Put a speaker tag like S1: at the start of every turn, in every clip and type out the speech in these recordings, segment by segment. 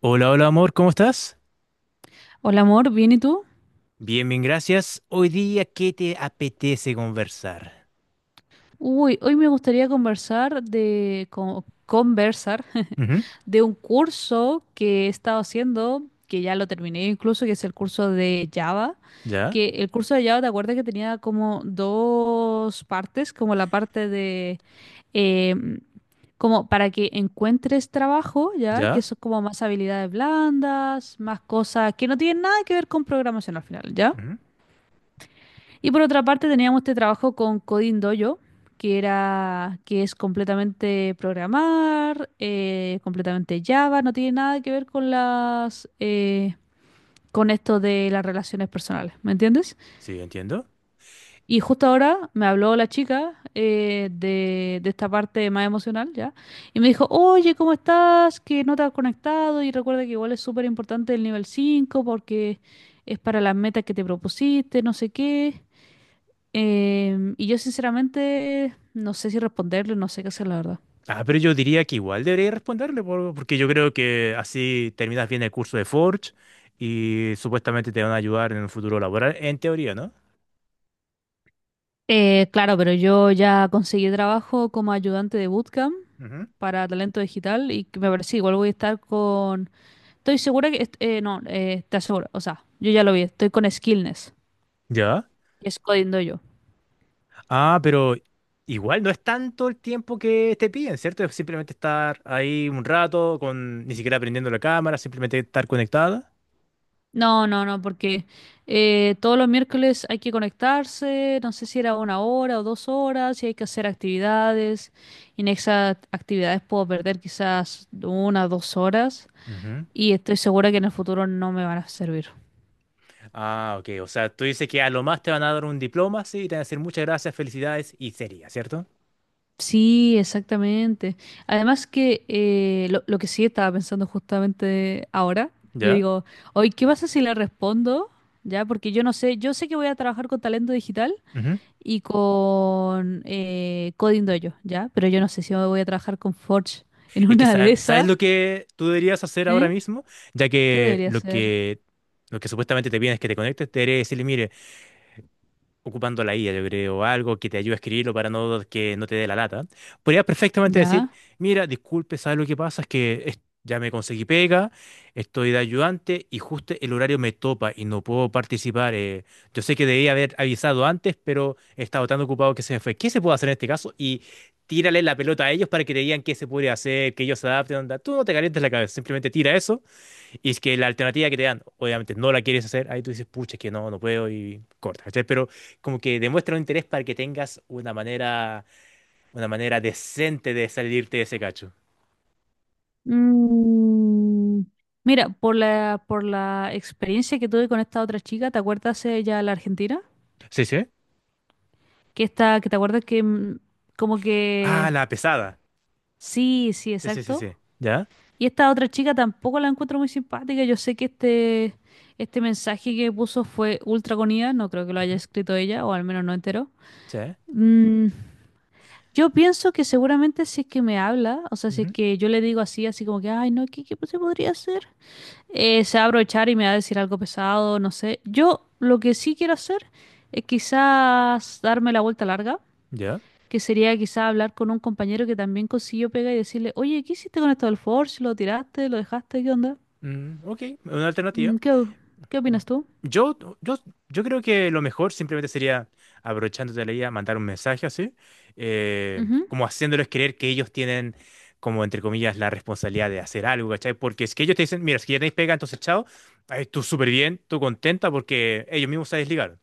S1: Hola, hola amor, ¿cómo estás?
S2: Hola amor, ¿bien y tú?
S1: Bien, bien, gracias. Hoy día, ¿qué te apetece conversar?
S2: Uy, hoy me gustaría conversar
S1: Ujú.
S2: de un curso que he estado haciendo, que ya lo terminé incluso, que es el curso de Java.
S1: Ya,
S2: Que el curso de Java, ¿te acuerdas que tenía como dos partes? Como la parte de em, como para que encuentres trabajo, ¿ya? Que
S1: ya.
S2: son como más habilidades blandas, más cosas que no tienen nada que ver con programación al final, ¿ya?
S1: Ujú.
S2: Y por otra parte teníamos este trabajo con Coding Dojo, que era, que es completamente programar, completamente Java, no tiene nada que ver con con esto de las relaciones personales, ¿me entiendes?
S1: Sí, entiendo.
S2: Y justo ahora me habló la chica de esta parte más emocional, ¿ya? Y me dijo, oye, ¿cómo estás? Que no te has conectado y recuerda que igual es súper importante el nivel 5 porque es para las metas que te propusiste, no sé qué. Y yo sinceramente no sé si responderle, no sé qué hacer, la verdad.
S1: Ah, pero yo diría que igual debería responderle, porque yo creo que así terminas bien el curso de Forge y supuestamente te van a ayudar en un futuro laboral, en teoría, ¿no?
S2: Claro, pero yo ya conseguí trabajo como ayudante de bootcamp
S1: Ujú.
S2: para talento digital y que me parece igual voy a estar con. Estoy segura que, no, te aseguro, o sea, yo ya lo vi, estoy con Skillness,
S1: Ya.
S2: que es codiendo yo.
S1: Ah, pero igual no es tanto el tiempo que te piden, ¿cierto? Es simplemente estar ahí un rato, con ni siquiera prendiendo la cámara, simplemente estar conectada.
S2: No, no, no, porque todos los miércoles hay que conectarse, no sé si era 1 hora o 2 horas, y hay que hacer actividades, y en esas actividades puedo perder quizás 1 o 2 horas. Y estoy segura que en el futuro no me van a servir.
S1: Ah, ok. O sea, tú dices que a lo más te van a dar un diploma, sí, y te van a decir muchas gracias, felicidades y sería, ¿cierto?
S2: Sí, exactamente. Además que lo que sí estaba pensando justamente ahora, yo
S1: ¿Ya?
S2: digo, hoy, ¿qué pasa si le respondo? Ya, porque yo no sé, yo sé que voy a trabajar con talento digital
S1: Ujú.
S2: y con Coding Dojo, ya, pero yo no sé si voy a trabajar con Forge en
S1: Es que
S2: una de
S1: sabes
S2: esas,
S1: lo que tú deberías hacer ahora
S2: ¿eh?
S1: mismo, ya
S2: ¿Qué
S1: que
S2: debería
S1: lo
S2: hacer?
S1: que lo que supuestamente te piden es que te conectes, te debería decirle, mire, ocupando la IA, yo creo, algo que te ayude a escribirlo para no que no te dé la lata, podrías perfectamente decir,
S2: Ya.
S1: mira, disculpe, ¿sabes lo que pasa? Es que ya me conseguí pega, estoy de ayudante y justo el horario me topa y no puedo participar. Yo sé que debía haber avisado antes, pero he estado tan ocupado que se me fue. ¿Qué se puede hacer en este caso? Y tírale la pelota a ellos para que te digan qué se puede hacer, que ellos se adapten, onda. Tú no te calientes la cabeza, simplemente tira eso y es que la alternativa que te dan, obviamente no la quieres hacer, ahí tú dices, pucha, es que no, no puedo y corta, ¿cachai? Pero como que demuestra un interés para que tengas una manera decente de salirte de ese cacho.
S2: Mm, Mira, por la experiencia que tuve con esta otra chica, ¿te acuerdas ella, la argentina?
S1: Sí, sí.
S2: Que está, que te acuerdas que como que
S1: Ah, la pesada.
S2: sí, sí,
S1: Sí, sí, sí,
S2: exacto.
S1: sí. ¿Ya?
S2: Y esta otra chica tampoco la encuentro muy simpática. Yo sé que este mensaje que puso fue ultra con IA, no creo que lo haya
S1: Ujú.
S2: escrito ella, o al menos no entero.
S1: Sí.
S2: Mm, yo pienso que seguramente si es que me habla, o sea, si es
S1: Ujú.
S2: que yo le digo así, así como que, ay, no, ¿qué se podría hacer? Se va a aprovechar y me va a decir algo pesado, no sé. Yo lo que sí quiero hacer es quizás darme la vuelta larga,
S1: ¿Ya?
S2: que sería quizás hablar con un compañero que también consiguió pega y decirle, oye, ¿qué hiciste con esto del Forge? ¿Lo tiraste? ¿Lo dejaste? ¿Qué onda?
S1: Mm, ok, una alternativa.
S2: Mm, ¿Qué, o- qué opinas tú?
S1: Yo, yo, yo creo que lo mejor simplemente sería, aprovechándote de la idea, mandar un mensaje así,
S2: Ujú,
S1: como haciéndoles creer que ellos tienen, como entre comillas, la responsabilidad de hacer algo, ¿cachai? Porque es que ellos te dicen, mira, es que ya tenéis pega, entonces chao, ahí tú súper bien, tú contenta porque ellos mismos se desligaron.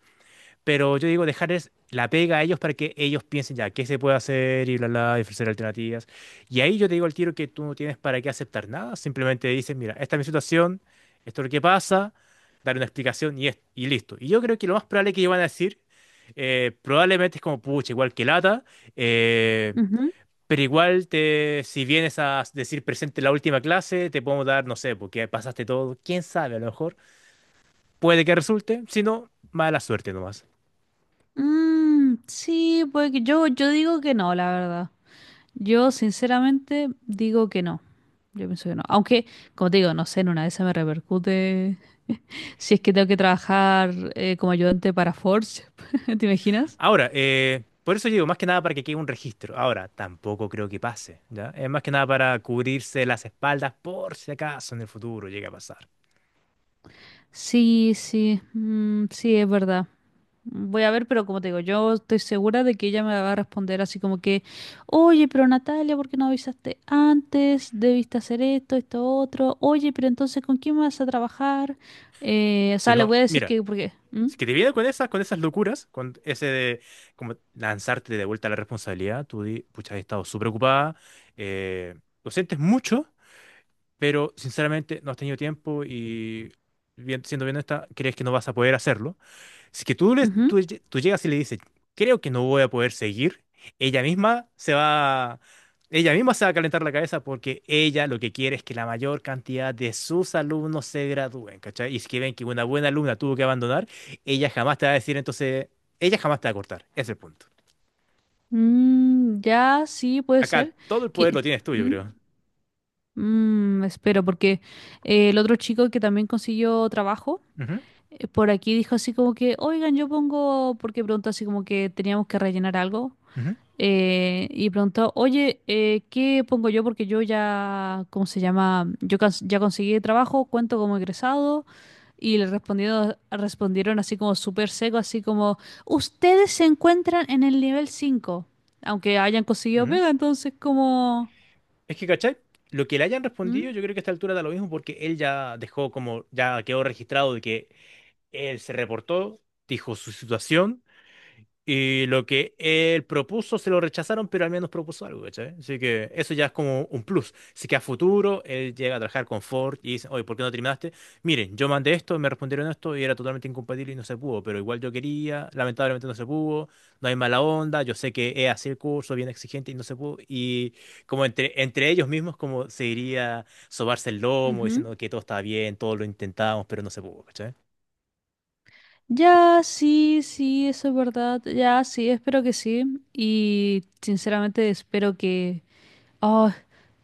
S1: Pero yo digo, dejarles la pega a ellos para que ellos piensen ya qué se puede hacer y bla, bla, y ofrecer alternativas. Y ahí yo te digo al tiro que tú no tienes para qué aceptar nada. Simplemente dices, mira, esta es mi situación, esto es lo que pasa, dar una explicación y listo. Y yo creo que lo más probable que ellos van a decir, probablemente es como, pucha, igual que lata, eh,
S2: ujú.
S1: pero igual te, si vienes a decir presente en la última clase, te podemos dar, no sé, porque pasaste todo, quién sabe, a lo mejor puede que resulte, si no, mala suerte nomás.
S2: Mm, sí, pues que yo digo que no, la verdad. Yo sinceramente digo que no. Yo pienso que no. Aunque, como te digo, no sé, en una de esas me repercute si es que tengo que trabajar como ayudante para Forge. ¿Te imaginas?
S1: Ahora, por eso digo, más que nada para que quede un registro. Ahora, tampoco creo que pase, ¿ya? Es más que nada para cubrirse las espaldas por si acaso en el futuro llega a pasar.
S2: Sí, sí, mm, sí, es verdad. Voy a ver, pero como te digo, yo estoy segura de que ella me va a responder así como que, oye, pero Natalia, ¿por qué no avisaste antes? Debiste hacer esto, esto, otro. Oye, pero entonces, ¿con quién vas a trabajar? O
S1: Si
S2: sea, le
S1: no,
S2: voy a decir
S1: mira,
S2: que, ¿por qué? ¿Mm?
S1: si que te viene con esas locuras, con ese de como lanzarte de vuelta a la responsabilidad, tú di, pucha, he estado súper ocupada, eh, lo sientes mucho, pero sinceramente no has tenido tiempo y bien, siendo bien esta, crees que no vas a poder hacerlo. Si que tú, le,
S2: Ujú.
S1: tú, lle- tú llegas y le dices, creo que no voy a poder seguir, ella misma se va, ella misma se va a calentar la cabeza porque ella lo que quiere es que la mayor cantidad de sus alumnos se gradúen, ¿cachai? Y si que ven que una buena alumna tuvo que abandonar, ella jamás te va a decir, entonces, ella jamás te va a cortar. Ese es el punto.
S2: Mm, ya, sí, puede
S1: Acá
S2: ser.
S1: todo el poder
S2: Que
S1: lo tienes tú, yo
S2: ¿mm?
S1: creo.
S2: Espero, porque el otro chico que también consiguió trabajo,
S1: Ujú,
S2: por aquí dijo así como que, oigan, yo pongo, porque preguntó así como que teníamos que rellenar algo,
S1: ujú,
S2: y preguntó, oye, ¿qué pongo yo? Porque yo ya, ¿cómo se llama? Yo ya conseguí trabajo, cuento como egresado. Y le respondieron, respondieron así como súper seco, así como, ustedes se encuentran en el nivel 5 aunque hayan conseguido
S1: ujú.
S2: pega, entonces como.
S1: Es que, ¿cachai? Lo que le hayan
S2: ¿Mm?
S1: respondido, yo creo que a esta altura da lo mismo porque él ya dejó como, ya quedó registrado de que él se reportó, dijo su situación y lo que él propuso se lo rechazaron, pero al menos propuso algo, ¿cachai? Así que eso ya es como un plus. Así que a futuro él llega a trabajar con Ford y dice, oye, ¿por qué no terminaste? Miren, yo mandé esto, me respondieron esto y era totalmente incompatible y no se pudo, pero igual yo quería, lamentablemente no se pudo, no hay mala onda, yo sé que es así el curso, bien exigente y no se pudo. Y como entre ellos mismos, como se diría sobarse el lomo,
S2: Ujú.
S1: diciendo que todo estaba bien, todo lo intentamos, pero no se pudo, ¿cachai?
S2: Ya, sí, sí, eso es verdad, ya, sí, espero que sí. Y sinceramente espero que, oh,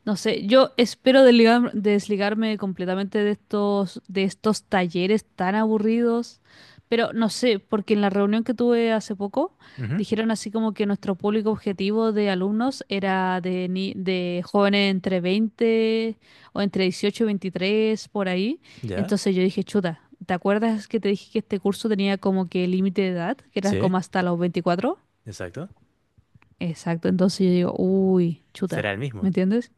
S2: no sé, yo espero desligarme completamente de estos, talleres tan aburridos, pero no sé, porque en la reunión que tuve hace poco
S1: Ujú.
S2: dijeron así como que nuestro público objetivo de alumnos era de, ni- de jóvenes entre 20 o entre 18 y 23, por ahí.
S1: ¿Ya?
S2: Entonces yo dije, chuta, ¿te acuerdas que te dije que este curso tenía como que límite de edad, que era
S1: Sí,
S2: como hasta los 24?
S1: exacto.
S2: Exacto, entonces yo digo, uy,
S1: Será
S2: chuta,
S1: el
S2: ¿me
S1: mismo.
S2: entiendes?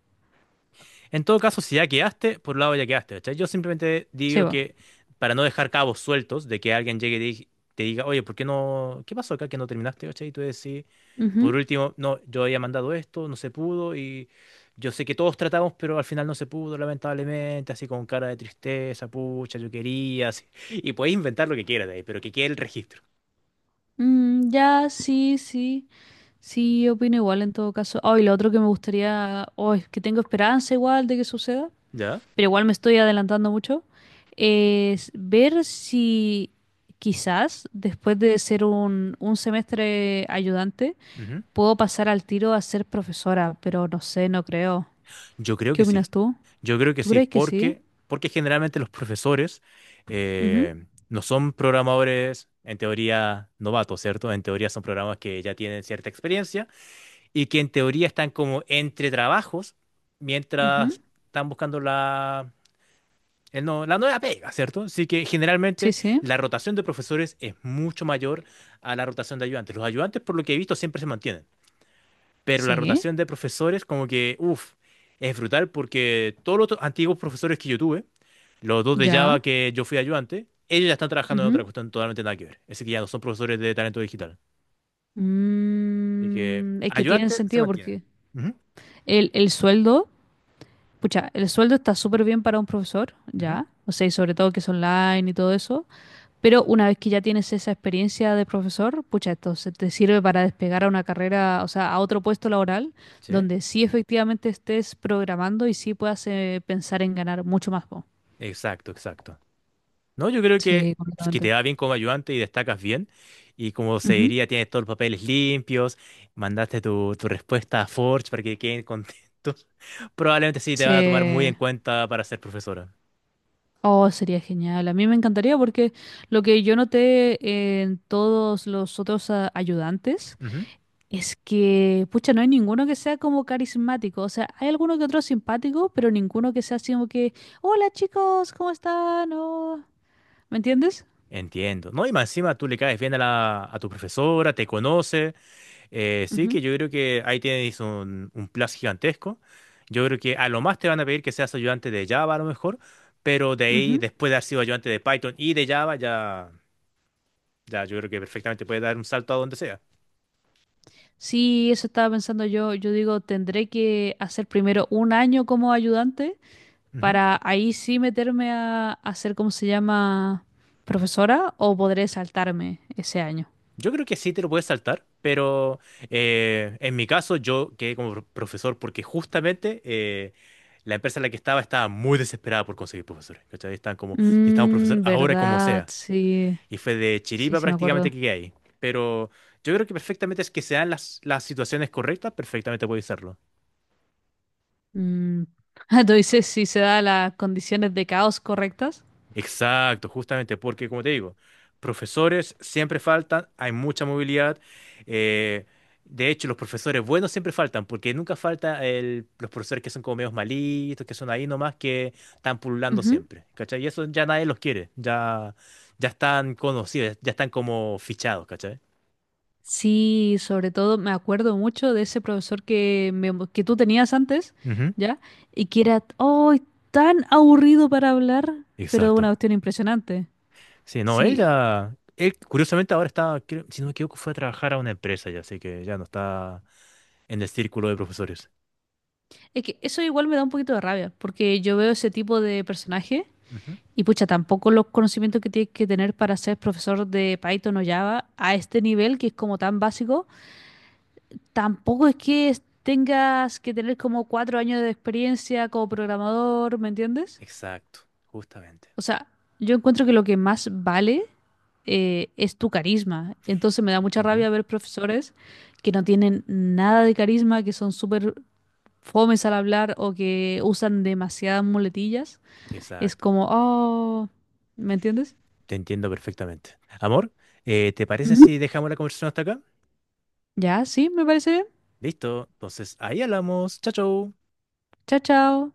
S1: En todo caso, si ya quedaste, por un lado ya quedaste, ¿cachai? Yo simplemente
S2: Sí,
S1: digo que para no dejar cabos sueltos de que alguien llegue y te diga, oye, ¿por qué no? ¿Qué pasó acá que no terminaste, ¿cachai? Y tú decís, por
S2: ujú.
S1: último, no, yo había mandado esto, no se pudo y yo sé que todos tratamos, pero al final no se pudo, lamentablemente, así con cara de tristeza, pucha, yo quería, así. Y puedes inventar lo que quieras de ahí, pero que quede el registro.
S2: Mm, ya, sí, sí, sí, opino igual en todo caso. Ay, lo otro que me gustaría, hoy que tengo esperanza igual de que suceda,
S1: ¿Ya?
S2: pero igual me estoy adelantando mucho, es ver si quizás después de ser un semestre ayudante, puedo pasar al tiro a ser profesora, pero no sé, no creo.
S1: Yo creo
S2: ¿Qué
S1: que sí.
S2: opinas tú?
S1: Yo creo que
S2: ¿Tú
S1: sí,
S2: crees que sí?
S1: porque generalmente los profesores
S2: Ujú,
S1: no son programadores en teoría novatos, ¿cierto? En teoría son programas que ya tienen cierta experiencia y que en teoría están como entre trabajos
S2: ujú.
S1: mientras están buscando la, el no- la nueva pega, ¿cierto? Así que
S2: Sí,
S1: generalmente
S2: sí,
S1: la rotación de profesores es mucho mayor a la rotación de ayudantes. Los ayudantes, por lo que he visto, siempre se mantienen pero la
S2: sí,
S1: rotación de profesores como que, uff, es brutal porque todos los antiguos profesores que yo tuve, los dos de Java
S2: ya.
S1: que yo fui ayudante, ellos ya están trabajando en otra cuestión totalmente nada que ver. Así que ya no son profesores de talento digital. Así que
S2: Es que tiene
S1: ayudante se
S2: sentido
S1: mantiene.
S2: porque
S1: Ujú,
S2: el sueldo, pucha, el sueldo está súper bien para un profesor,
S1: ujú.
S2: ya, o sea, y sobre todo que es online y todo eso, pero una vez que ya tienes esa experiencia de profesor, pucha, esto se te sirve para despegar a una carrera, o sea, a otro puesto laboral,
S1: Sí,
S2: donde sí efectivamente estés programando y sí puedas pensar en ganar mucho más, po.
S1: exacto, exacto. No, yo creo que,
S2: Sí,
S1: pues, que
S2: completamente.
S1: te va bien como ayudante y destacas bien. Y como se
S2: Ujú.
S1: diría, tienes todos los papeles limpios, mandaste tu respuesta a Forge para que queden contentos. Probablemente sí te van a tomar muy
S2: Sí.
S1: en cuenta para ser profesora.
S2: Oh, sería genial. A mí me encantaría porque lo que yo noté en todos los otros ayudantes
S1: Ujú.
S2: es que, pucha, no hay ninguno que sea como carismático. O sea, hay alguno que otro simpático, pero ninguno que sea así como que, hola chicos, ¿cómo están? Oh", ¿me entiendes?
S1: Entiendo. No, y más encima tú le caes bien a tu profesora, te conoce. Sí que
S2: Ujú,
S1: yo creo que ahí tienes un plus gigantesco. Yo creo que a lo más te van a pedir que seas ayudante de Java a lo mejor, pero de ahí,
S2: ujú.
S1: después de haber sido ayudante de Python y de Java, ya... Ya, yo creo que perfectamente puede dar un salto a donde sea.
S2: Sí, eso estaba pensando yo. Yo digo, tendré que hacer primero un año como ayudante
S1: Ujú.
S2: para ahí sí meterme a ser, ¿cómo se llama? Profesora o podré saltarme ese año.
S1: Yo creo que sí te lo puedes saltar, pero en mi caso yo quedé como profesor porque justamente la empresa en la que estaba estaba muy desesperada por conseguir profesores. ¿Cachai? Estaban como, necesitamos un profesor
S2: Mm,
S1: ahora como
S2: verdad,
S1: sea.
S2: sí,
S1: Y fue de
S2: sí,
S1: chiripa
S2: sí me
S1: prácticamente
S2: acuerdo.
S1: que quedé ahí. Pero yo creo que perfectamente es que sean las situaciones correctas, perfectamente puedes hacerlo.
S2: Mm. Tú dices si se da las condiciones de caos correctas.
S1: Exacto, justamente porque, como te digo, profesores siempre faltan, hay mucha movilidad. eh, de hecho, los profesores buenos siempre faltan, porque nunca falta los profesores que son como medios malitos, que son ahí nomás, que están pululando
S2: Ujú.
S1: siempre. ¿Cachai? Y eso ya nadie los quiere, ya, ya están conocidos, ya están como fichados, ¿cachai?
S2: Sí, sobre todo me acuerdo mucho de ese profesor que tú tenías antes,
S1: Ujú.
S2: ¿ya? Y que era oh, tan aburrido para hablar, pero una
S1: Exacto.
S2: cuestión impresionante.
S1: Sí, no, él
S2: Sí.
S1: ya, él curiosamente ahora está, si no me equivoco, fue a trabajar a una empresa ya, así que ya no está en el círculo de profesores.
S2: Es que eso igual me da un poquito de rabia, porque yo veo ese tipo de personaje.
S1: Ujú.
S2: Y pucha, tampoco los conocimientos que tienes que tener para ser profesor de Python o Java a este nivel, que es como tan básico, tampoco es que tengas que tener como 4 años de experiencia como programador, ¿me entiendes?
S1: Exacto, justamente.
S2: O sea, yo encuentro que lo que más vale es tu carisma. Entonces me da mucha
S1: Ujú.
S2: rabia ver profesores que no tienen nada de carisma, que son súper fomes al hablar o que usan demasiadas muletillas. Es
S1: Exacto.
S2: como, oh, ¿me entiendes?
S1: Te entiendo perfectamente. Amor, ¿te parece si dejamos la conversación hasta acá?
S2: Ya, sí, me parece bien.
S1: Listo. Entonces, ahí hablamos. Chao, chao.
S2: Chao, chao.